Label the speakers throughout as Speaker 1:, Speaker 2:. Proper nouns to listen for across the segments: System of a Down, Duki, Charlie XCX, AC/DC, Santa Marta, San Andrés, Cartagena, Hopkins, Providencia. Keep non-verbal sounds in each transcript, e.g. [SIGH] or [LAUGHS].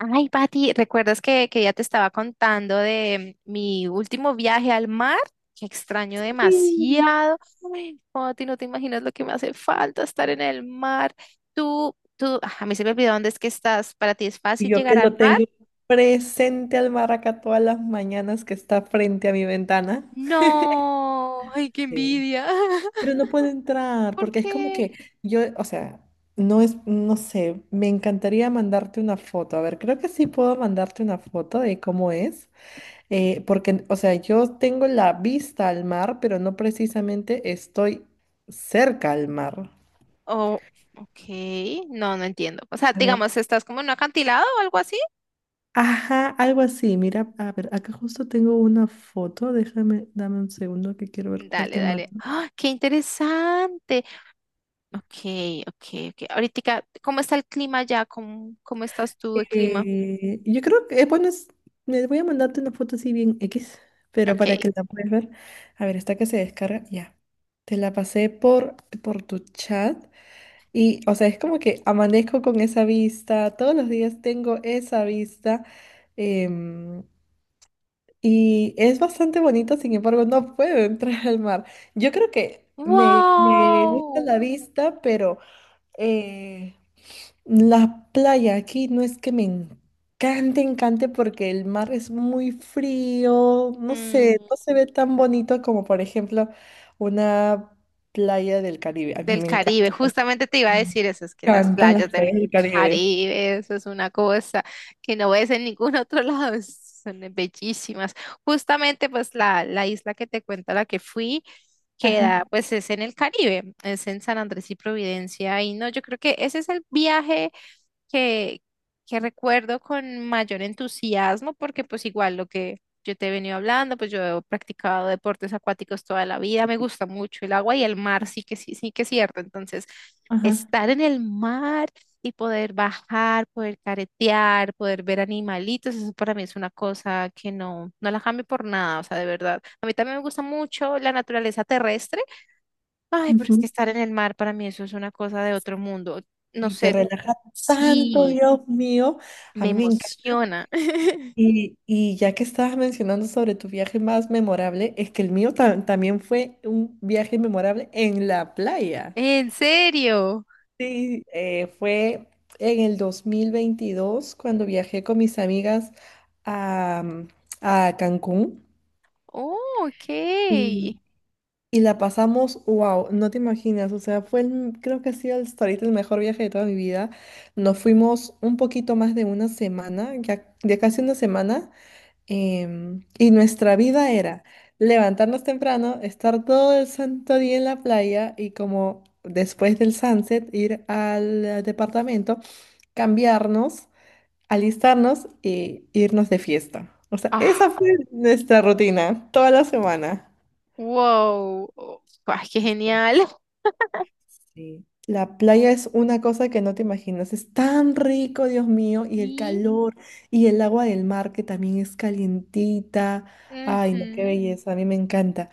Speaker 1: Ay, Pati, ¿recuerdas que ya te estaba contando de mi último viaje al mar? Que extraño
Speaker 2: Sí.
Speaker 1: demasiado. Ay, Pati, no te imaginas lo que me hace falta estar en el mar. A mí se me olvidó dónde es que estás. ¿Para ti es
Speaker 2: Y
Speaker 1: fácil
Speaker 2: yo que
Speaker 1: llegar al
Speaker 2: lo
Speaker 1: mar?
Speaker 2: tengo presente al maraca todas las mañanas que está frente a mi ventana.
Speaker 1: No, ay, qué
Speaker 2: Sí.
Speaker 1: envidia.
Speaker 2: Pero
Speaker 1: [LAUGHS]
Speaker 2: no puedo entrar
Speaker 1: ¿Por
Speaker 2: porque es como
Speaker 1: qué?
Speaker 2: que yo, o sea, no es, no sé, me encantaría mandarte una foto. A ver, creo que sí puedo mandarte una foto de cómo es. Porque, o sea, yo tengo la vista al mar, pero no precisamente estoy cerca al mar.
Speaker 1: Oh, ok, no entiendo. O sea,
Speaker 2: A ver.
Speaker 1: digamos, ¿estás como en un acantilado o algo así?
Speaker 2: Ajá, algo así. Mira, a ver, acá justo tengo una foto. Déjame, dame un segundo que quiero ver cuál
Speaker 1: Dale,
Speaker 2: te mando.
Speaker 1: dale. ¡Ah, qué interesante! Ok, ok, ok. Ahorita, ¿cómo está el clima ya? ¿Cómo estás tú de clima?
Speaker 2: Yo creo que, bueno, me voy a mandarte una foto así bien X, pero
Speaker 1: Ok.
Speaker 2: para que la puedas ver. A ver, esta que se descarga, ya. Te la pasé por tu chat y, o sea, es como que amanezco con esa vista, todos los días tengo esa vista. em, Y es bastante bonito, sin embargo, no puedo [LAUGHS] entrar al mar. Yo creo que me gusta
Speaker 1: ¡Wow!
Speaker 2: la vista, pero eh, la playa aquí no es que me encante, encante, porque el mar es muy frío, no
Speaker 1: Mm,
Speaker 2: sé, no se ve tan bonito como, por ejemplo, una playa del Caribe. A mí
Speaker 1: Del
Speaker 2: me encanta-
Speaker 1: Caribe, justamente te iba a decir eso, es que las
Speaker 2: Encantan
Speaker 1: playas [LAUGHS]
Speaker 2: las playas
Speaker 1: del
Speaker 2: del Caribe.
Speaker 1: Caribe, eso es una cosa que no ves en ningún otro [LAUGHS] lado, son bellísimas. Justamente, pues la isla que te cuento, a la que fui,
Speaker 2: Ajá,
Speaker 1: queda, pues es en el Caribe, es en San Andrés y Providencia, y no, yo creo que ese es el viaje, que, que recuerdo con mayor entusiasmo, porque pues igual lo que yo te he venido hablando, pues yo he practicado deportes acuáticos toda la vida, me gusta mucho el agua y el mar, sí que sí, sí que es cierto. Entonces,
Speaker 2: ajá.
Speaker 1: estar en el mar y poder bajar, poder caretear, poder ver animalitos, eso para mí es una cosa que no, no la cambio por nada, o sea, de verdad. A mí también me gusta mucho la naturaleza terrestre. Ay, pero es que
Speaker 2: Ujú.
Speaker 1: estar en el mar para mí eso es una cosa de otro mundo. No
Speaker 2: Y te
Speaker 1: sé,
Speaker 2: relaja tanto,
Speaker 1: sí,
Speaker 2: Dios mío. A
Speaker 1: me
Speaker 2: mí me encanta.
Speaker 1: emociona. [LAUGHS]
Speaker 2: Y ya que estabas mencionando sobre tu viaje más memorable, es que el mío también fue un viaje memorable en la playa.
Speaker 1: ¿En serio?
Speaker 2: Sí, fue en el 2022 cuando viajé con mis amigas a, a Cancún
Speaker 1: Oh, ok.
Speaker 2: y, y la pasamos, wow, no te imaginas, o sea, creo que ha sido hasta ahorita el mejor viaje de toda mi vida. Nos fuimos un poquito más de una semana, ya, ya casi una semana. Em, y nuestra vida era levantarnos temprano, estar todo el santo día en la playa y como después del sunset ir al departamento, cambiarnos, alistarnos y irnos de fiesta. O sea,
Speaker 1: Ah,
Speaker 2: esa fue nuestra rutina toda la semana.
Speaker 1: wow. Oh, ah, qué
Speaker 2: Sí,
Speaker 1: genial.
Speaker 2: sí. La playa es una cosa que no te imaginas. Es tan rico, Dios mío, y el
Speaker 1: Y,
Speaker 2: calor y el agua del mar que también es calientita. Ay, no, qué
Speaker 1: ujú,
Speaker 2: belleza, a mí me encanta.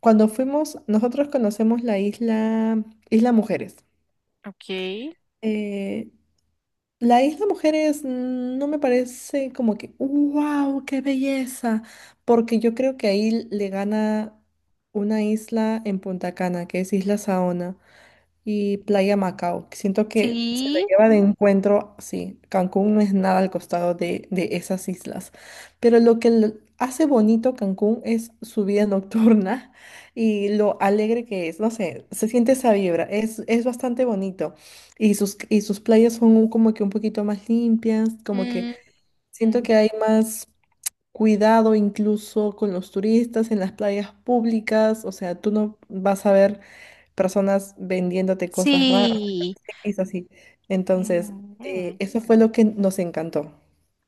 Speaker 2: Cuando fuimos, nosotros conocemos la isla, Isla Mujeres.
Speaker 1: ok.
Speaker 2: Eh, la Isla Mujeres no me parece como que, wow, qué belleza, porque yo creo que ahí le gana una isla en Punta Cana, que es Isla Saona y Playa Macao. Siento que se la
Speaker 1: Sí.
Speaker 2: lleva de encuentro, sí, Cancún no es nada al costado de esas islas, pero lo que lo hace bonito Cancún es su vida [LAUGHS] nocturna y lo alegre que es, no sé, se siente esa vibra, es bastante bonito y sus playas son como que un poquito más limpias, como que
Speaker 1: Mm,
Speaker 2: siento
Speaker 1: mm,
Speaker 2: que hay más... Cuidado incluso con los turistas en las playas públicas, o sea, tú no vas a ver personas vendiéndote cosas raras.
Speaker 1: sí.
Speaker 2: Es así. Entonces,
Speaker 1: Mm.
Speaker 2: eso fue lo que nos encantó.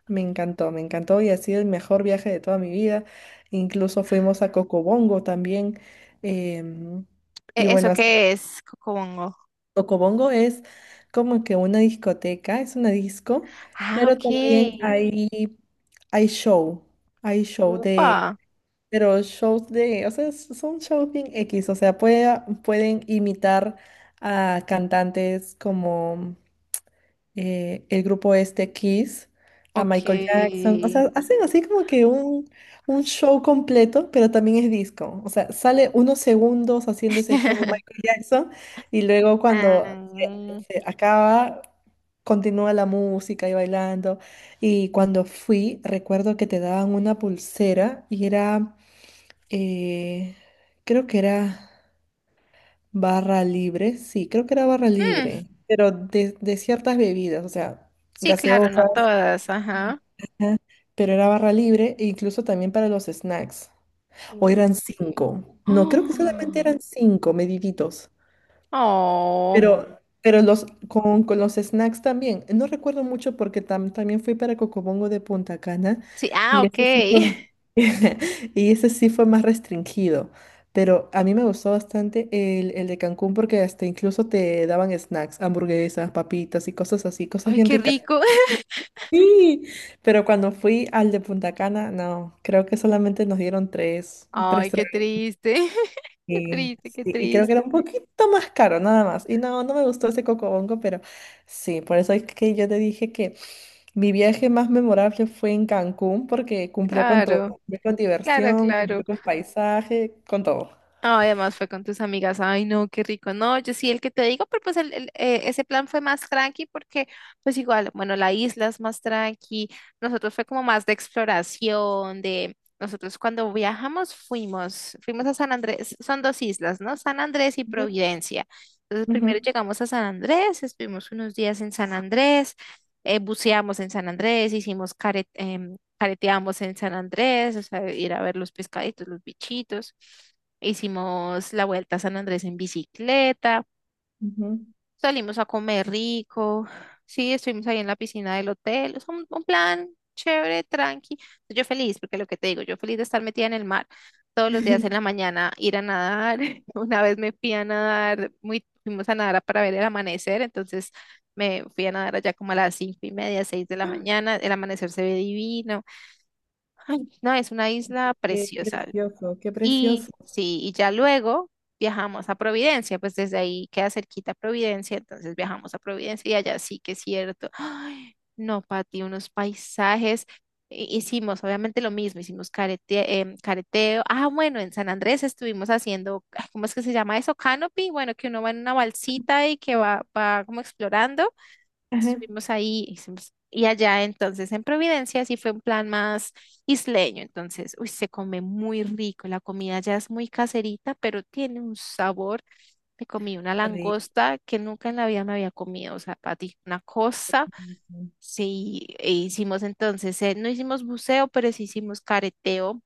Speaker 2: Me encantó, me encantó y ha sido el mejor viaje de toda mi vida. Incluso fuimos a Cocobongo también. em, y
Speaker 1: ¿Eso
Speaker 2: bueno, as-
Speaker 1: qué es, Cocobongo?
Speaker 2: Cocobongo es como que una discoteca, es una disco,
Speaker 1: Ah,
Speaker 2: pero también
Speaker 1: ok.
Speaker 2: hay show, hay show de,
Speaker 1: Upa.
Speaker 2: pero shows de, o sea, son shows bien X, o sea, pueden imitar a cantantes como el grupo este Kiss, a
Speaker 1: Ok.
Speaker 2: Michael Jackson. O sea, hacen así como que un show completo, pero también es disco. O sea, sale unos segundos haciendo ese show
Speaker 1: [LAUGHS]
Speaker 2: Michael Jackson y luego cuando
Speaker 1: Ah,
Speaker 2: se acaba, continúa la música y bailando. Y cuando fui, recuerdo que te daban una pulsera y era, eh, creo que era... Barra libre, sí, creo que era barra
Speaker 1: hmm,
Speaker 2: libre, pero de ciertas bebidas, o sea,
Speaker 1: sí, claro, no
Speaker 2: gaseosas,
Speaker 1: todas.
Speaker 2: y-
Speaker 1: Ajá.
Speaker 2: ajá, pero era barra libre, e incluso también para los snacks. O
Speaker 1: Uh.
Speaker 2: eran cinco. No, creo que solamente
Speaker 1: Oh. [GASPS]
Speaker 2: eran cinco, mediditos.
Speaker 1: Oh,
Speaker 2: Pero los, con los snacks también. No recuerdo mucho porque también fui para Cocobongo de Punta Cana
Speaker 1: sí, ah,
Speaker 2: y
Speaker 1: ok.
Speaker 2: ese sí fue,
Speaker 1: [LAUGHS]
Speaker 2: [LAUGHS] y ese sí fue más restringido. Pero a mí me gustó bastante el de Cancún porque hasta incluso te daban snacks, hamburguesas, papitas y cosas así, cosas
Speaker 1: Ay,
Speaker 2: bien
Speaker 1: qué
Speaker 2: ricas.
Speaker 1: rico. [LAUGHS]
Speaker 2: Sí, pero cuando fui al de Punta Cana, no, creo que solamente nos dieron tres, tres.
Speaker 1: Ay, qué triste. [LAUGHS] Qué
Speaker 2: Sí,
Speaker 1: triste,
Speaker 2: sí,
Speaker 1: qué
Speaker 2: y creo que
Speaker 1: triste.
Speaker 2: era un poquito más caro, nada más. Y no, no me gustó ese cocobongo, pero sí, por eso es que yo te dije que mi viaje más memorable fue en Cancún, porque cumplió con todo.
Speaker 1: Claro,
Speaker 2: Cumplió con
Speaker 1: claro,
Speaker 2: diversión, cumplió
Speaker 1: claro.
Speaker 2: con paisaje, con todo.
Speaker 1: Ah, además fue con tus amigas. Ay, no, qué rico. No, yo sí, el que te digo, pero pues ese plan fue más tranqui porque pues igual, bueno, la isla es más tranqui. Nosotros fue como más de exploración, de nosotros cuando viajamos fuimos, a San Andrés, son dos islas, ¿no? San Andrés y
Speaker 2: Ujú,
Speaker 1: Providencia. Entonces primero
Speaker 2: ujú,
Speaker 1: llegamos a San Andrés, estuvimos unos días en San Andrés, buceamos en San Andrés, hicimos careteamos en San Andrés, o sea, ir a ver los pescaditos, los bichitos. Hicimos la vuelta a San Andrés en bicicleta,
Speaker 2: ujú.
Speaker 1: salimos a comer rico, sí, estuvimos ahí en la piscina del hotel, es un plan chévere, tranqui. Yo feliz, porque lo que te digo, yo feliz de estar metida en el mar todos los días en
Speaker 2: [LAUGHS]
Speaker 1: la mañana, ir a nadar. [LAUGHS] Una vez me fui a nadar, fuimos a nadar para ver el amanecer, entonces me fui a nadar allá como a las 5:30, 6 de la mañana, el amanecer se ve divino. Ay, no, es una isla
Speaker 2: Qué
Speaker 1: preciosa.
Speaker 2: precioso, qué precioso.
Speaker 1: Y sí, y ya luego viajamos a Providencia, pues desde ahí queda cerquita Providencia, entonces viajamos a Providencia y allá sí que es cierto. Ay, no, Pati, unos paisajes. Hicimos obviamente lo mismo, hicimos careteo. Ah, bueno, en San Andrés estuvimos haciendo, ¿cómo es que se llama eso? Canopy, bueno, que uno va en una balsita y que va como explorando.
Speaker 2: Ajá.
Speaker 1: Estuvimos ahí y allá, entonces en Providencia sí fue un plan más isleño, entonces, uy, se come muy rico, la comida ya es muy caserita, pero tiene un sabor. Me comí una
Speaker 2: Rico.
Speaker 1: langosta que nunca en la vida me había comido, o sea, Pati, una cosa. Sí, e hicimos entonces, no hicimos buceo, pero sí hicimos careteo,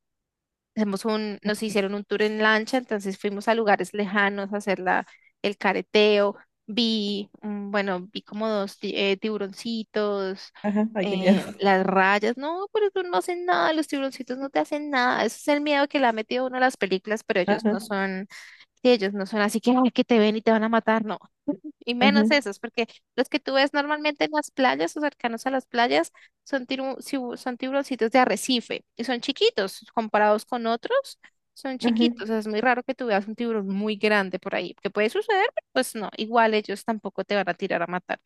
Speaker 1: nos hicieron un tour en lancha, entonces fuimos a lugares lejanos a hacer el careteo. Vi como dos tiburoncitos,
Speaker 2: Ajá, ay, qué miedo.
Speaker 1: las rayas. No, pero eso no hacen nada, los tiburoncitos no te hacen nada. Ese es el miedo que le ha metido uno a las películas, pero ellos
Speaker 2: Ajá,
Speaker 1: no son, sí, ellos no son así que: "Ay, que te ven y te van a matar". No, y
Speaker 2: ajá,
Speaker 1: menos esos, porque los que tú ves normalmente en las playas o cercanos a las playas son tiburoncitos de arrecife y son chiquitos comparados con otros, son
Speaker 2: ajá,
Speaker 1: chiquitos. O sea, es muy raro que tú veas un tiburón muy grande por ahí, que puede suceder, pero pues no, igual ellos tampoco te van a tirar a matar.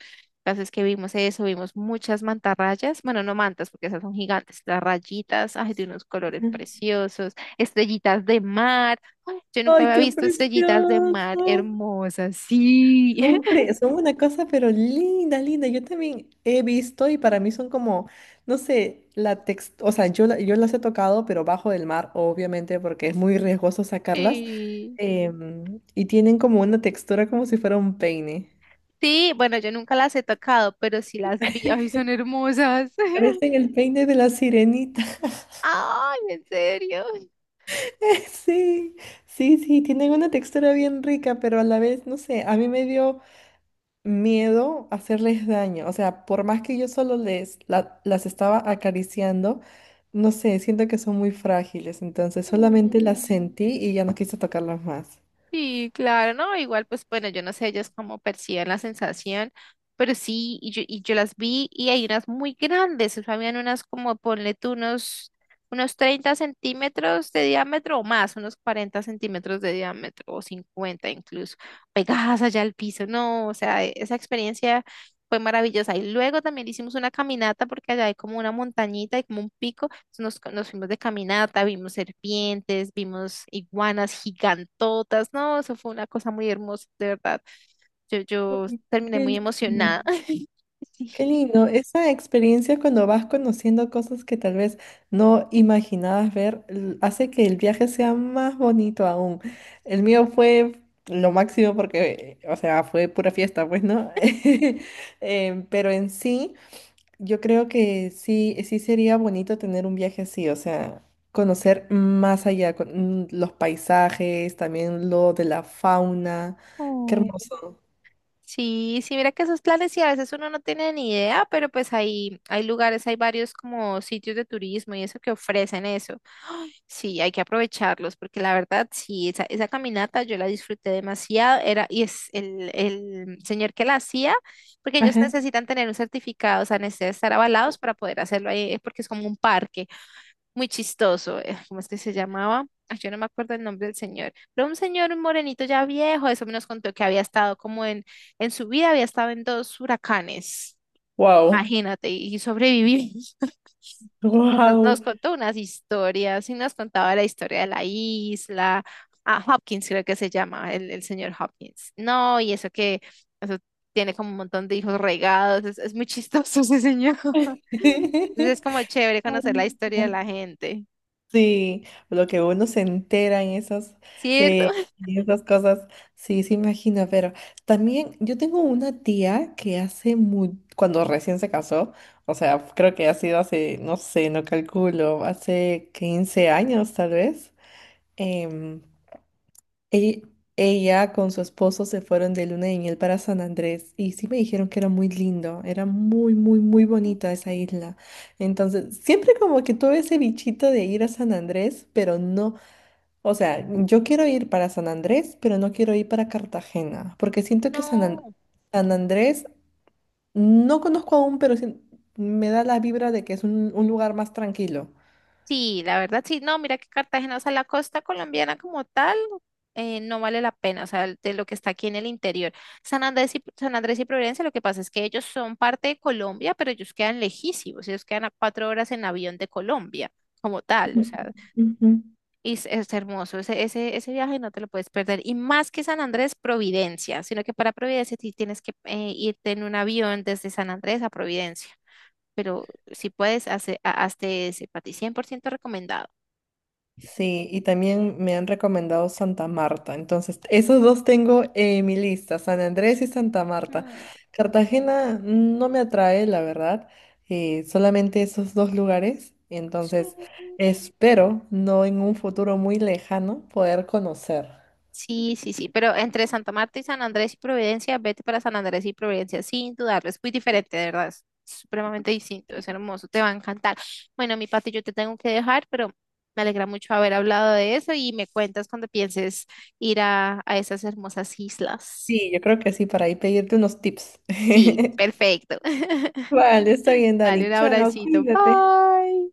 Speaker 1: Entonces que vimos eso, vimos muchas mantarrayas, bueno, no mantas porque esas son gigantes, las rayitas, ay, de unos colores
Speaker 2: ajá.
Speaker 1: preciosos, estrellitas de mar. Ay, yo nunca
Speaker 2: Ay,
Speaker 1: había
Speaker 2: qué
Speaker 1: visto estrellitas de mar
Speaker 2: precioso.
Speaker 1: hermosas, sí. [LAUGHS]
Speaker 2: Hombre, son una cosa, pero linda, linda. Yo también he visto y para mí son como, no sé, o sea, yo, yo las he tocado, pero bajo del mar, obviamente, porque es muy riesgoso sacarlas.
Speaker 1: Sí,
Speaker 2: em, y tienen como una textura como si fuera un peine.
Speaker 1: sí, bueno, yo nunca las he tocado, pero sí las vi. Ay, son
Speaker 2: [LAUGHS]
Speaker 1: hermosas. [LAUGHS]
Speaker 2: Parecen el peine de la sirenita. [LAUGHS]
Speaker 1: Ay, en serio.
Speaker 2: Sí, sí, sí, tienen una textura bien rica, pero a la vez, no sé, a mí me dio miedo a hacerles daño. O sea, por más que yo solo las estaba acariciando, no sé, siento que son muy frágiles. Entonces solamente las
Speaker 1: Mm.
Speaker 2: sentí y ya no quise tocarlas más.
Speaker 1: Sí, claro, no, igual pues bueno, yo no sé ellas cómo perciben la sensación, pero sí, y yo las vi y hay unas muy grandes, o sea, habían unas como, ponle tú unos, 30 centímetros de diámetro o más, unos 40 centímetros de diámetro o 50 incluso, pegadas allá al piso, no, o sea, esa experiencia fue maravillosa. Y luego también hicimos una caminata porque allá hay como una montañita y como un pico nos fuimos de caminata, vimos serpientes, vimos iguanas gigantotas. No, eso fue una cosa muy hermosa, de verdad. Yo,
Speaker 2: Bueno,
Speaker 1: yo terminé
Speaker 2: qué
Speaker 1: muy
Speaker 2: lindo.
Speaker 1: emocionada. [LAUGHS] Sí.
Speaker 2: Qué lindo. Esa experiencia cuando vas conociendo cosas que tal vez no imaginabas ver, hace que el viaje sea más bonito aún. El mío fue lo máximo porque, o sea, fue pura fiesta, pues, ¿no? [LAUGHS] Em, pero en sí. Yo creo que sí, sí sería bonito tener un viaje así, o sea, conocer más allá, los paisajes, también lo de la fauna. Qué
Speaker 1: Oh.
Speaker 2: hermoso.
Speaker 1: Sí, sí, mira que esos planes sí, a veces uno no tiene ni idea, pero pues hay, lugares, hay varios como sitios de turismo y eso que ofrecen eso. Sí, hay que aprovecharlos porque la verdad, sí, esa caminata yo la disfruté demasiado. Era, y es el señor que la hacía, porque ellos
Speaker 2: Ajá.
Speaker 1: necesitan tener un certificado, o sea, necesitan estar avalados para poder hacerlo ahí, porque es como un parque muy chistoso. ¿Cómo es que se llamaba? Ah, yo no me acuerdo el nombre del señor, pero un señor, un morenito ya viejo, eso nos contó que había estado como en su vida, había estado en dos huracanes,
Speaker 2: Wow.
Speaker 1: imagínate, y sobrevivió. Nos
Speaker 2: Wow.
Speaker 1: contó unas historias y nos contaba la historia de la isla. Ah, Hopkins creo que se llama, el señor Hopkins. No, y eso que eso tiene como un montón de hijos regados. Es muy chistoso ese señor. [LAUGHS] Entonces es como
Speaker 2: [LAUGHS]
Speaker 1: chévere conocer la historia de la gente,
Speaker 2: Sí, lo que uno se entera
Speaker 1: ¿cierto?
Speaker 2: en esas cosas, sí, se imagina, pero también yo tengo una tía que hace muy, cuando recién se casó, o sea, creo que ha sido hace, no sé, no calculo, hace 15 años tal vez, em, Ell- Ella, con su esposo se fueron de luna de miel para San Andrés y sí me dijeron que era muy lindo, era muy, muy, muy bonita
Speaker 1: [LAUGHS]
Speaker 2: esa isla. Entonces, siempre como que tuve ese bichito de ir a San Andrés, pero no, o sea, yo quiero ir para San Andrés, pero no quiero ir para Cartagena, porque siento que
Speaker 1: No.
Speaker 2: San Andrés, no conozco aún, pero sí me da la vibra de que es un lugar más tranquilo.
Speaker 1: Sí, la verdad sí, no, mira que Cartagena, o sea, la costa colombiana como tal, no vale la pena, o sea, de lo que está aquí en el interior. San Andrés y Providencia, lo que pasa es que ellos son parte de Colombia, pero ellos quedan lejísimos, ellos quedan a 4 horas en avión de Colombia como tal, o sea,
Speaker 2: Ujú.
Speaker 1: y es hermoso, ese viaje no te lo puedes perder. Y más que San Andrés, Providencia, sino que para Providencia sí tienes que irte en un avión desde San Andrés a Providencia, pero si puedes, hazte ese, para ti 100% recomendado.
Speaker 2: Sí, y también me han recomendado Santa Marta. Entonces, esos dos tengo en mi lista, San Andrés y Santa Marta.
Speaker 1: Mm.
Speaker 2: Cartagena no me atrae, la verdad, solamente esos dos lugares.
Speaker 1: Sí,
Speaker 2: Entonces, espero no en un futuro muy lejano poder conocer.
Speaker 1: sí, sí, sí, pero entre Santa Marta y San Andrés y Providencia, vete para San Andrés y Providencia, sin dudarlo, es muy diferente, de verdad, es supremamente distinto, es hermoso, te va a encantar. Bueno, mi Pati, yo te tengo que dejar, pero me alegra mucho haber hablado de eso y me cuentas cuando pienses ir a esas hermosas islas.
Speaker 2: Sí, yo creo que sí, para ahí pedirte unos tips.
Speaker 1: Sí,
Speaker 2: [LAUGHS]
Speaker 1: perfecto. [LAUGHS]
Speaker 2: Vale, está bien,
Speaker 1: Dale
Speaker 2: Dani.
Speaker 1: un
Speaker 2: Chao,
Speaker 1: abracito,
Speaker 2: cuídate.
Speaker 1: bye.